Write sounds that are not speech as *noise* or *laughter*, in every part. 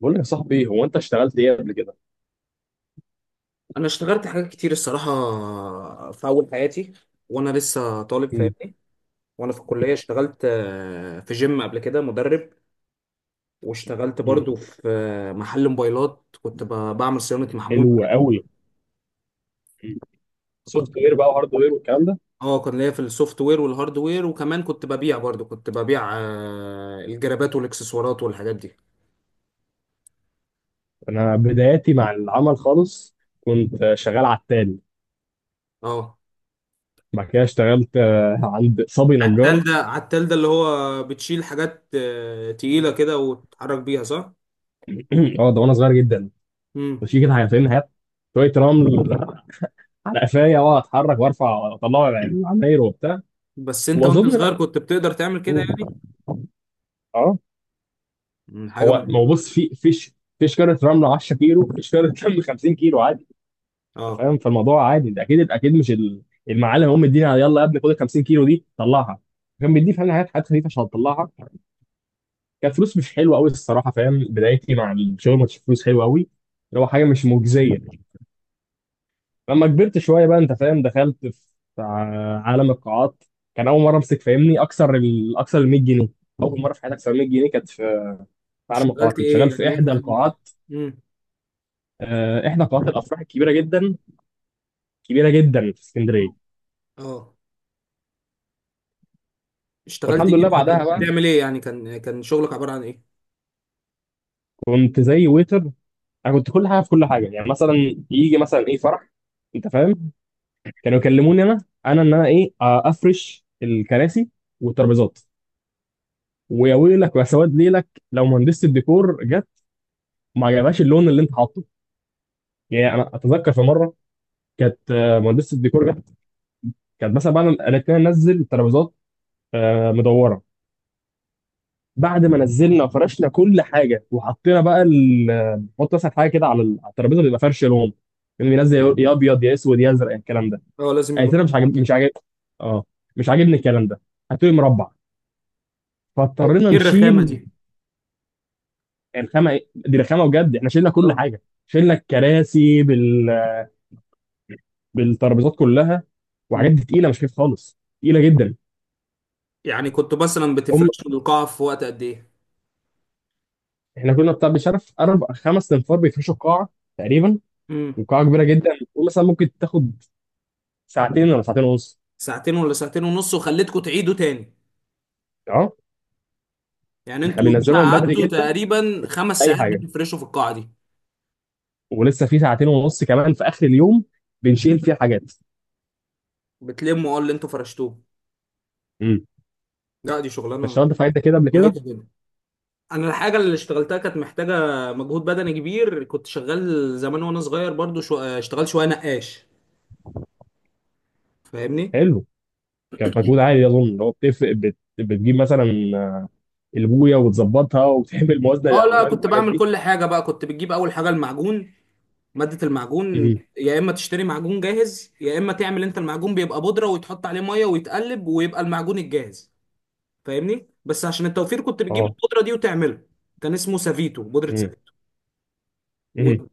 بقول لك يا صاحبي، هو انت اشتغلت ايه قبل كده؟ انا اشتغلت حاجات كتير الصراحه، في اول حياتي وانا لسه طالب مم. فاهمني. وانا في الكليه اشتغلت في جيم قبل كده مدرب. واشتغلت مم. برضو في محل موبايلات، كنت بعمل صيانه محمول. حلو قوي. كنت سوفت وير بقى وهارد وير والكلام ده؟ اه كان ليا في السوفت وير والهارد وير، وكمان كنت ببيع برضو كنت ببيع الجرابات والاكسسوارات والحاجات دي. انا بداياتي مع العمل خالص. كنت شغال عتال. اه، بعد كده اشتغلت عند صبي نجار. عتال ده *clears throat* عتال ده اللي هو بتشيل حاجات تقيله كده وتتحرك بيها، صح؟ اه، ده وانا صغير جدا. مم. مش كده، حاجتين هات شويه رمل على قفايا، واقعد اتحرك وارفع واطلع العماير وبتاع. بس انت وانت واظن لا. صغير كنت بتقدر تعمل كده مم. يعني. اه، حاجة هو مهمة. ما هو بص، في فيش؟ فيش كارت رمل 10 كيلو، فيش كارت رمل 50 كيلو. انت اه، فاهم، فالموضوع عادي ده، اكيد اكيد مش المعلم هم مدينا يلا يا ابني، خد ال 50 كيلو دي طلعها. كان بيديه فعلا حاجات حاجات خفيفه عشان تطلعها. كانت فلوس مش حلوه قوي الصراحه، فاهم، بدايتي مع الشغل ما كانتش فلوس حلوه قوي. اللي هو حاجه مش مجزيه. لما كبرت شويه بقى، انت فاهم، دخلت في عالم القاعات. كان اول مره امسك، فاهمني، اكثر ال 100 جنيه. اول مره في حياتي اكثر من 100 جنيه كانت في، في عالم القاعات اشتغلت كنت ايه، شغال يعني في ايه؟ احدى القاعات. امم احدى قاعات الافراح الكبيره جدا، كبيره جدا، في اسكندريه. اه، اشتغلت ايه والحمد لله بقى؟ بعدها كنت بقى بتعمل ايه يعني؟ كان شغلك عبارة عن ايه؟ كنت زي ويتر. انا كنت كل حاجه في كل حاجه، يعني مثلا يجي مثلا ايه، فرح، انت فاهم، كانوا يكلموني انا. انا ان انا ايه افرش الكراسي والترابيزات. ويا ويلك ويا سواد ليلك لو مهندسه الديكور جت ما عجبهاش اللون اللي انت حاطه. يعني انا اتذكر في مره، كانت مهندسه الديكور جت. كانت مثلا بعد ما قالت لنا ننزل الترابيزات مدوره، بعد ما نزلنا وفرشنا كل حاجه وحطينا بقى حط مثلا حاجه كده على على الترابيزه، بيبقى فرش لون، يعني بينزل يا ابيض يا اسود يا ازرق، الكلام ده. اه، لازم قالت يبقى. لنا مش عاجب، مش عاجب. اه، مش عاجبني الكلام ده، هاتولي مربع. ايه فاضطرينا إيه الرخامة نشيل. دي؟ الخامه دي رخامه بجد. احنا شلنا كل اه. حاجه، شلنا الكراسي بالترابيزات كلها. وحاجات مم. دي تقيله، مش خفيف خالص، تقيله جدا. يعني كنت مثلا هم بتفرش القاعة في وقت قد ايه؟ احنا كنا بتاع بشرف اربع خمس انفار بيفرشوا القاعه تقريبا. امم وقاعه كبيره جدا. ومثلا ممكن تاخد ساعتين ولا ساعتين ونص. ساعتين ولا ساعتين ونص، وخليتكم تعيدوا تاني؟ اه. يعني احنا انتوا بننزلهم يوميها من بدري قعدتوا جدا تقريبا خمس اي ساعات حاجه، بتفرشوا في القاعة دي؟ ولسه في ساعتين ونص كمان في اخر اليوم بنشيل فيها حاجات. بتلموا اللي انتوا فرشتوه؟ امم لا، دي شغلانة اشتغلت في حاجات كده قبل كده. مرهقة جدا. انا الحاجه اللي اشتغلتها كانت محتاجه مجهود بدني كبير، كنت شغال زمان وانا صغير برضو، اشتغل شويه نقاش، فاهمني. حلو. كان مجهود عالي اظن، اللي هو بتفرق بتجيب مثلا البويه وتظبطها، وبتعمل موازنه اه لا، للالوان كنت والحاجات بعمل دي. كل حاجه بقى، كنت بتجيب اول حاجه المعجون. ماده المعجون، مم. يا اما تشتري معجون جاهز، يا اما تعمل انت المعجون، بيبقى بودره ويتحط عليه ميه ويتقلب ويبقى المعجون الجاهز. فاهمني؟ بس عشان التوفير كنت بتجيب اه. البودره دي وتعمله. كان اسمه سافيتو، بودره مم. سافيتو. مم. وت...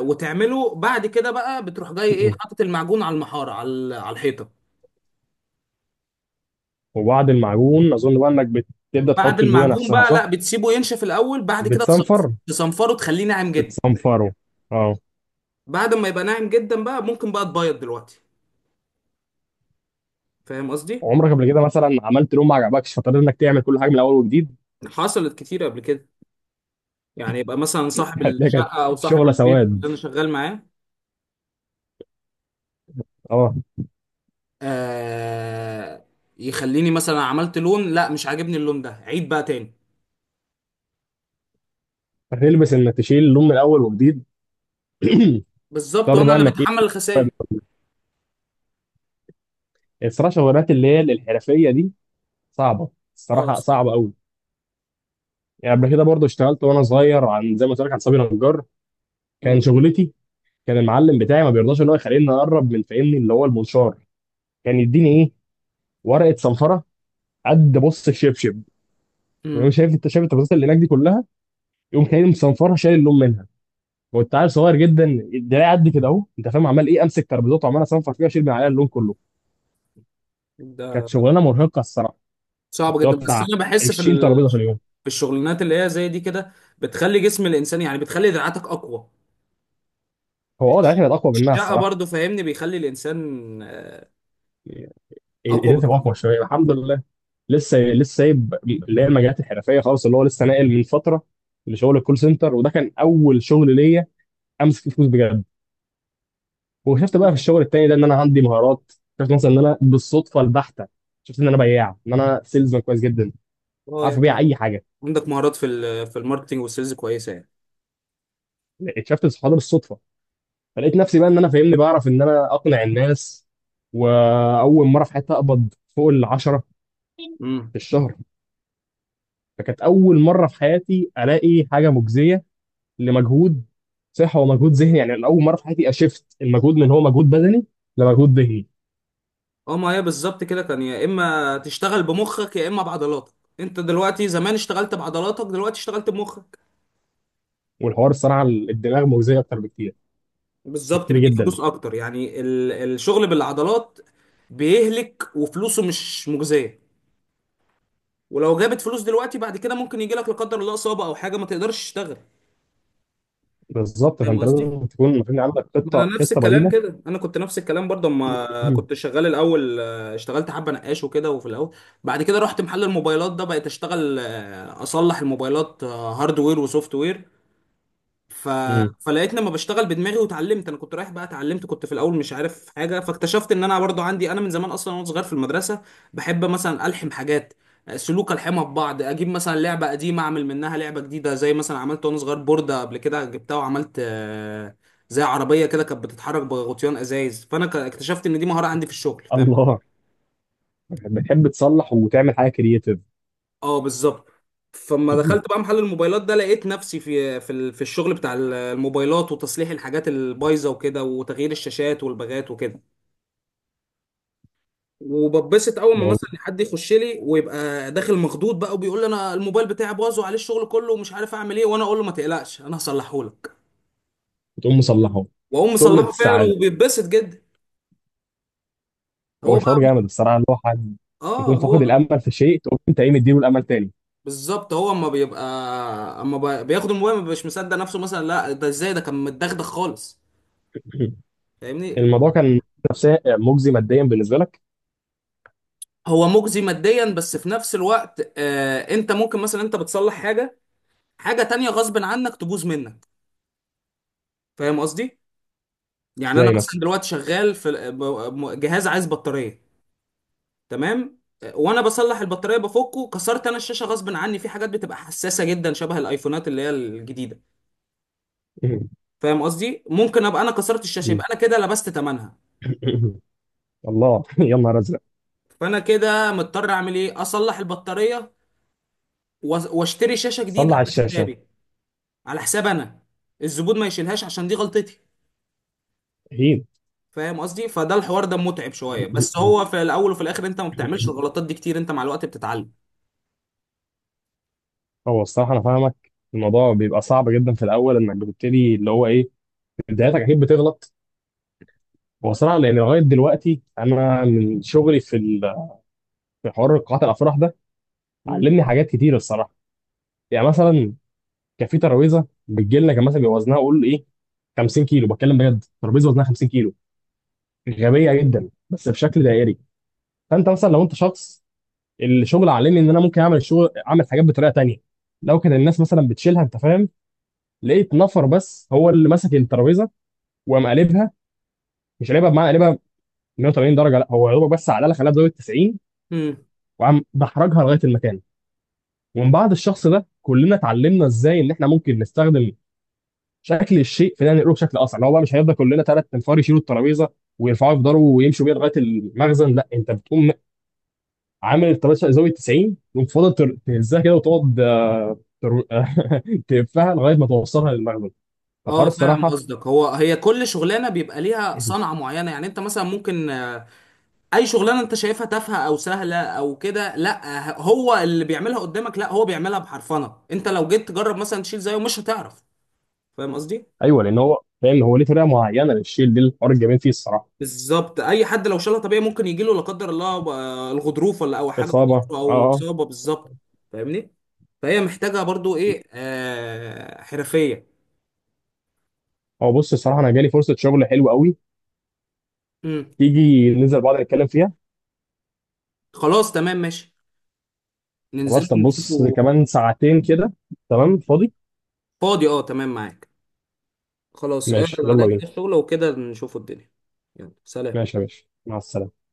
وتعمله، بعد كده بقى بتروح جاي، ايه، مم. حاطط المعجون على المحاره، على الحيطه. وبعد المعجون اظن بقى انك بتبدا بعد تحط البويه المعجون نفسها، بقى، صح؟ لا، بتسيبه ينشف الاول، بعد كده بتصنفر تصنفره، تخليه ناعم جدا. بتصنفره، اه. بعد ما يبقى ناعم جدا بقى، ممكن بقى تبيض دلوقتي. فاهم قصدي؟ عمرك قبل كده مثلا عملت لون ما عجبكش، فاضطريت انك تعمل كل حاجه من الاول وجديد؟ حصلت كتير قبل كده، يعني يبقى مثلا صاحب *laughs* هتلاقي كانت الشقه او صاحب شغله البيت اللي سواد. انا شغال معاه، اه. آه يخليني مثلا عملت لون، لا مش عاجبني اللون ده، عيد بقى تاني. هتلبس انك تشيل لون من الاول وجديد. *clears throat* بالظبط، اضطر وانا بقى اللي انك ايه. بتحمل الخسائر. الصراحه شغلات اللي هي الحرفيه دي صعبه. اه، الصراحه صعبه الصراحه. قوي. يعني قبل كده برضه اشتغلت وانا صغير، عن زي ما قلت لك، عن صبي نجار كان شغلتي. كان المعلم بتاعي ما بيرضاش ان هو يخليني اقرب من، فاهمني، اللي هو المنشار. كان يديني ايه؟ ورقه صنفره قد بص الشبشب. يقوم امم شايف، انت شايف التفاصيل اللي هناك دي كلها، يقوم خليني مصنفرها، شايل اللون منها. كنت عيل صغير جدا، الدراع قد كده اهو، انت فاهم، عمال ايه، امسك ترابيزات وعمال اصنفر فيها اشيل من عليها اللون كله. كانت ده شغلانه مرهقه الصراحه. صعب اللي هو جدا، بس بتاع انا بحس في 20 ترابيزه في اليوم. في الشغلانات اللي هي زي دي كده، بتخلي جسم الانسان، يعني بتخلي دراعاتك اقوى. هو اه دلوقتي بقت اقوى منها الشقه الصراحه. برضو فاهمني، بيخلي الانسان اقوى ايدين تبقى بكتير. اقوى شويه، الحمد لله. لسه لسه سايب اللي هي المجالات الحرفيه خالص، اللي هو لسه ناقل من فتره لشغل الكول سنتر، وده كان اول شغل ليا امسك فيه فلوس بجد. وشفت بقى في الشغل التاني ده ان انا عندي مهارات. شفت مثلا ان انا، بالصدفه البحته، شفت ان انا بياع، ان انا سيلزمان كويس جدا، اه، عارف يعني ابيع اي حاجه. عندك مهارات في في الماركتنج والسيلز كويسه يعني. اكتشفت الصحاب ده بالصدفه، فلقيت نفسي بقى ان انا، فاهمني، بعرف ان انا اقنع الناس. واول مره في حياتي اقبض فوق الـ 10 امم في الشهر. فكانت اول مره في حياتي الاقي حاجه مجزيه لمجهود، صحه ومجهود ذهني. يعني انا اول مره في حياتي اشفت المجهود من هو مجهود بدني لمجهود ذهني. اه، ما هي بالظبط كده، كان يا اما تشتغل بمخك يا اما بعضلاتك. انت دلوقتي، زمان اشتغلت بعضلاتك، دلوقتي اشتغلت بمخك. والحوار الصراحه الدماغ مجزيه اكتر بكتير، بالظبط، بكتير بتجيب جدا. فلوس اكتر، يعني الشغل بالعضلات بيهلك وفلوسه مش مجزيه. ولو جابت فلوس دلوقتي، بعد كده ممكن يجي لك لا قدر الله اصابه او حاجه ما تقدرش تشتغل. بالظبط، فاهم فانت قصدي؟ لازم تكون، المفروض عندك ما خطه، انا نفس خطه الكلام بديله. كده، انا كنت نفس الكلام برضه اما *clears throat* كنت *laughs* شغال الاول، اشتغلت حبه نقاش وكده، وفي الاول بعد كده رحت محل الموبايلات ده، بقيت اشتغل اصلح الموبايلات، هاردوير وسوفت وير. ف... أمم. فلقيت لما بشتغل بدماغي واتعلمت، انا كنت رايح بقى اتعلمت، كنت في الاول مش عارف حاجه. فاكتشفت ان انا برضو عندي، انا من زمان اصلا وانا صغير في المدرسه بحب مثلا الحم حاجات، سلوك الحمها ببعض، اجيب مثلا لعبه قديمه اعمل منها لعبه جديده، زي مثلا عملت وانا صغير بورده قبل كده، جبتها وعملت زي عربيه كده كانت بتتحرك بغطيان ازايز، فانا اكتشفت ان دي مهاره عندي في الشغل. الله، بتحب تصلح وتعمل حاجه كرييتيف. اه، بالظبط. فلما دخلت *clears throat* بقى محل الموبايلات ده، لقيت نفسي في الشغل بتاع الموبايلات، وتصليح الحاجات البايظه وكده، وتغيير الشاشات والباجات وكده. وببسط اول ما مثلا حد يخش لي ويبقى داخل مخضوض بقى، وبيقول لي انا الموبايل بتاعي باظ وعليه الشغل كله ومش عارف اعمل ايه، وانا اقول له ما تقلقش انا هصلحه لك. وتقوم مصلحه، واقوم قمه مصلحه فعلا، السعاده. وبيتبسط جدا. هو هو شعور بقى. جامد الصراحه، اللي هو حد اه، يكون هو. فاقد الامل في شيء، تقوم انت ايه، مديله الامل تاني. بالظبط، هو اما بيبقى اما بقى- بياخد الموبايل ما بيبقاش مصدق نفسه، مثلا لا ده ازاي، ده كان متدغدغ خالص. *clears throat* *laughs* فاهمني؟ الموضوع كان نفسيا مجزي، ماديا بالنسبه لك؟ هو مجزي ماديا، بس في نفس الوقت انت ممكن مثلا، انت بتصلح حاجه، حاجه تانية غصب عنك تبوظ منك. فاهم قصدي؟ يعني انا ازاي مثلا؟ مثلا دلوقتي شغال في جهاز عايز بطاريه، تمام. وانا بصلح البطاريه، بفكه كسرت انا الشاشه غصب عني. في حاجات بتبقى حساسه جدا، شبه الايفونات اللي هي الجديده. *clears throat* فاهم قصدي؟ ممكن ابقى انا كسرت الشاشه، يبقى *laughs* انا كده لبست ثمنها. *laughs* الله، *laughs* يا نهار ازرق. فانا كده مضطر اعمل ايه، اصلح البطاريه واشتري شاشه جديده صلى على على الشاشه. حسابي، على حساب انا، الزبون ما يشيلهاش عشان دي غلطتي. هين. فاهم قصدي؟ فده الحوار ده متعب شويه، بس هو *laughs* في الاول وفي الاخر انت ما بتعملش الغلطات دي كتير، انت مع الوقت بتتعلم. هو الصراحه انا فاهمك، الموضوع بيبقى صعب جدا في الاول انك بتبتدي، اللي هو ايه، بدايتك اكيد بتغلط. هو صراحه لان لغايه دلوقتي انا من شغلي في في حوار قاعات الافراح ده، مم. علمني حاجات كتير الصراحه. يعني مثلا كان في ترابيزه بتجي لنا، كان مثلا بيبقى وزنها، قول ايه، 50 كيلو. بتكلم بجد، ترابيزه وزنها 50 كيلو، غبيه جدا، بس بشكل دائري. فانت مثلا لو انت شخص، الشغل علمني ان انا ممكن اعمل الشغل، اعمل حاجات بطريقه تانية. لو كان الناس مثلا بتشيلها، انت فاهم، لقيت نفر بس هو اللي ماسك الترابيزه وقام قلبها. مش قلبها بمعنى قلبها 180 درجه، لا، هو يا دوبك بس على خلاها بزاويه 90 امم وقام دحرجها لغايه المكان. ومن بعد الشخص ده كلنا اتعلمنا ازاي ان احنا ممكن نستخدم شكل الشيء في ان نقله بشكل اسرع. اللي هو بقى مش هيفضل كلنا 3 انفار يشيلوا الترابيزه ويرفعوا، يفضلوا ويمشوا بيها لغايه المخزن، لا، انت بتقوم عامل الترابيزه زاويه 90، تقوم فاضل تهزها كده، وتقعد ترو... *laughs* تلفها لغايه ما توصلها للمخزن. فالحوار اه، فاهم الصراحه. قصدك، هي كل شغلانه بيبقى ليها *laughs* صنعه *clears throat* معينه، يعني انت مثلا ممكن اي شغلانه انت شايفها تافهه او سهله او كده، لا هو اللي بيعملها قدامك، لا هو بيعملها بحرفنه، انت لو جيت تجرب مثلا تشيل زيه مش هتعرف. فاهم قصدي؟ ايوه، لان هو فاهم، هو ليه طريقه معينه للشيل دي، الحوار الجميل فيه الصراحه. بالظبط، اي حد لو شالها طبيعي ممكن يجي له لا قدر الله بقى الغضروف ولا او حاجه في اصابه، ضهره اه، او اه. اصابه. بالظبط، فاهمني؟ فهي محتاجه برضو ايه، حرفيه. هو بص الصراحه انا جالي فرصه شغل حلوه قوي، امم تيجي ننزل بعض نتكلم فيها؟ خلاص تمام ماشي، ننزل خلاص، طب بص نشوفه. كمان ساعتين كده، تمام، مم. فاضي. فاضي، اه، تمام معاك. خلاص، ماشي، اعرض يلا عليك بينا. الشغل وكده نشوفه الدنيا. يلا سلام. ماشي يا باشا، مع السلامه.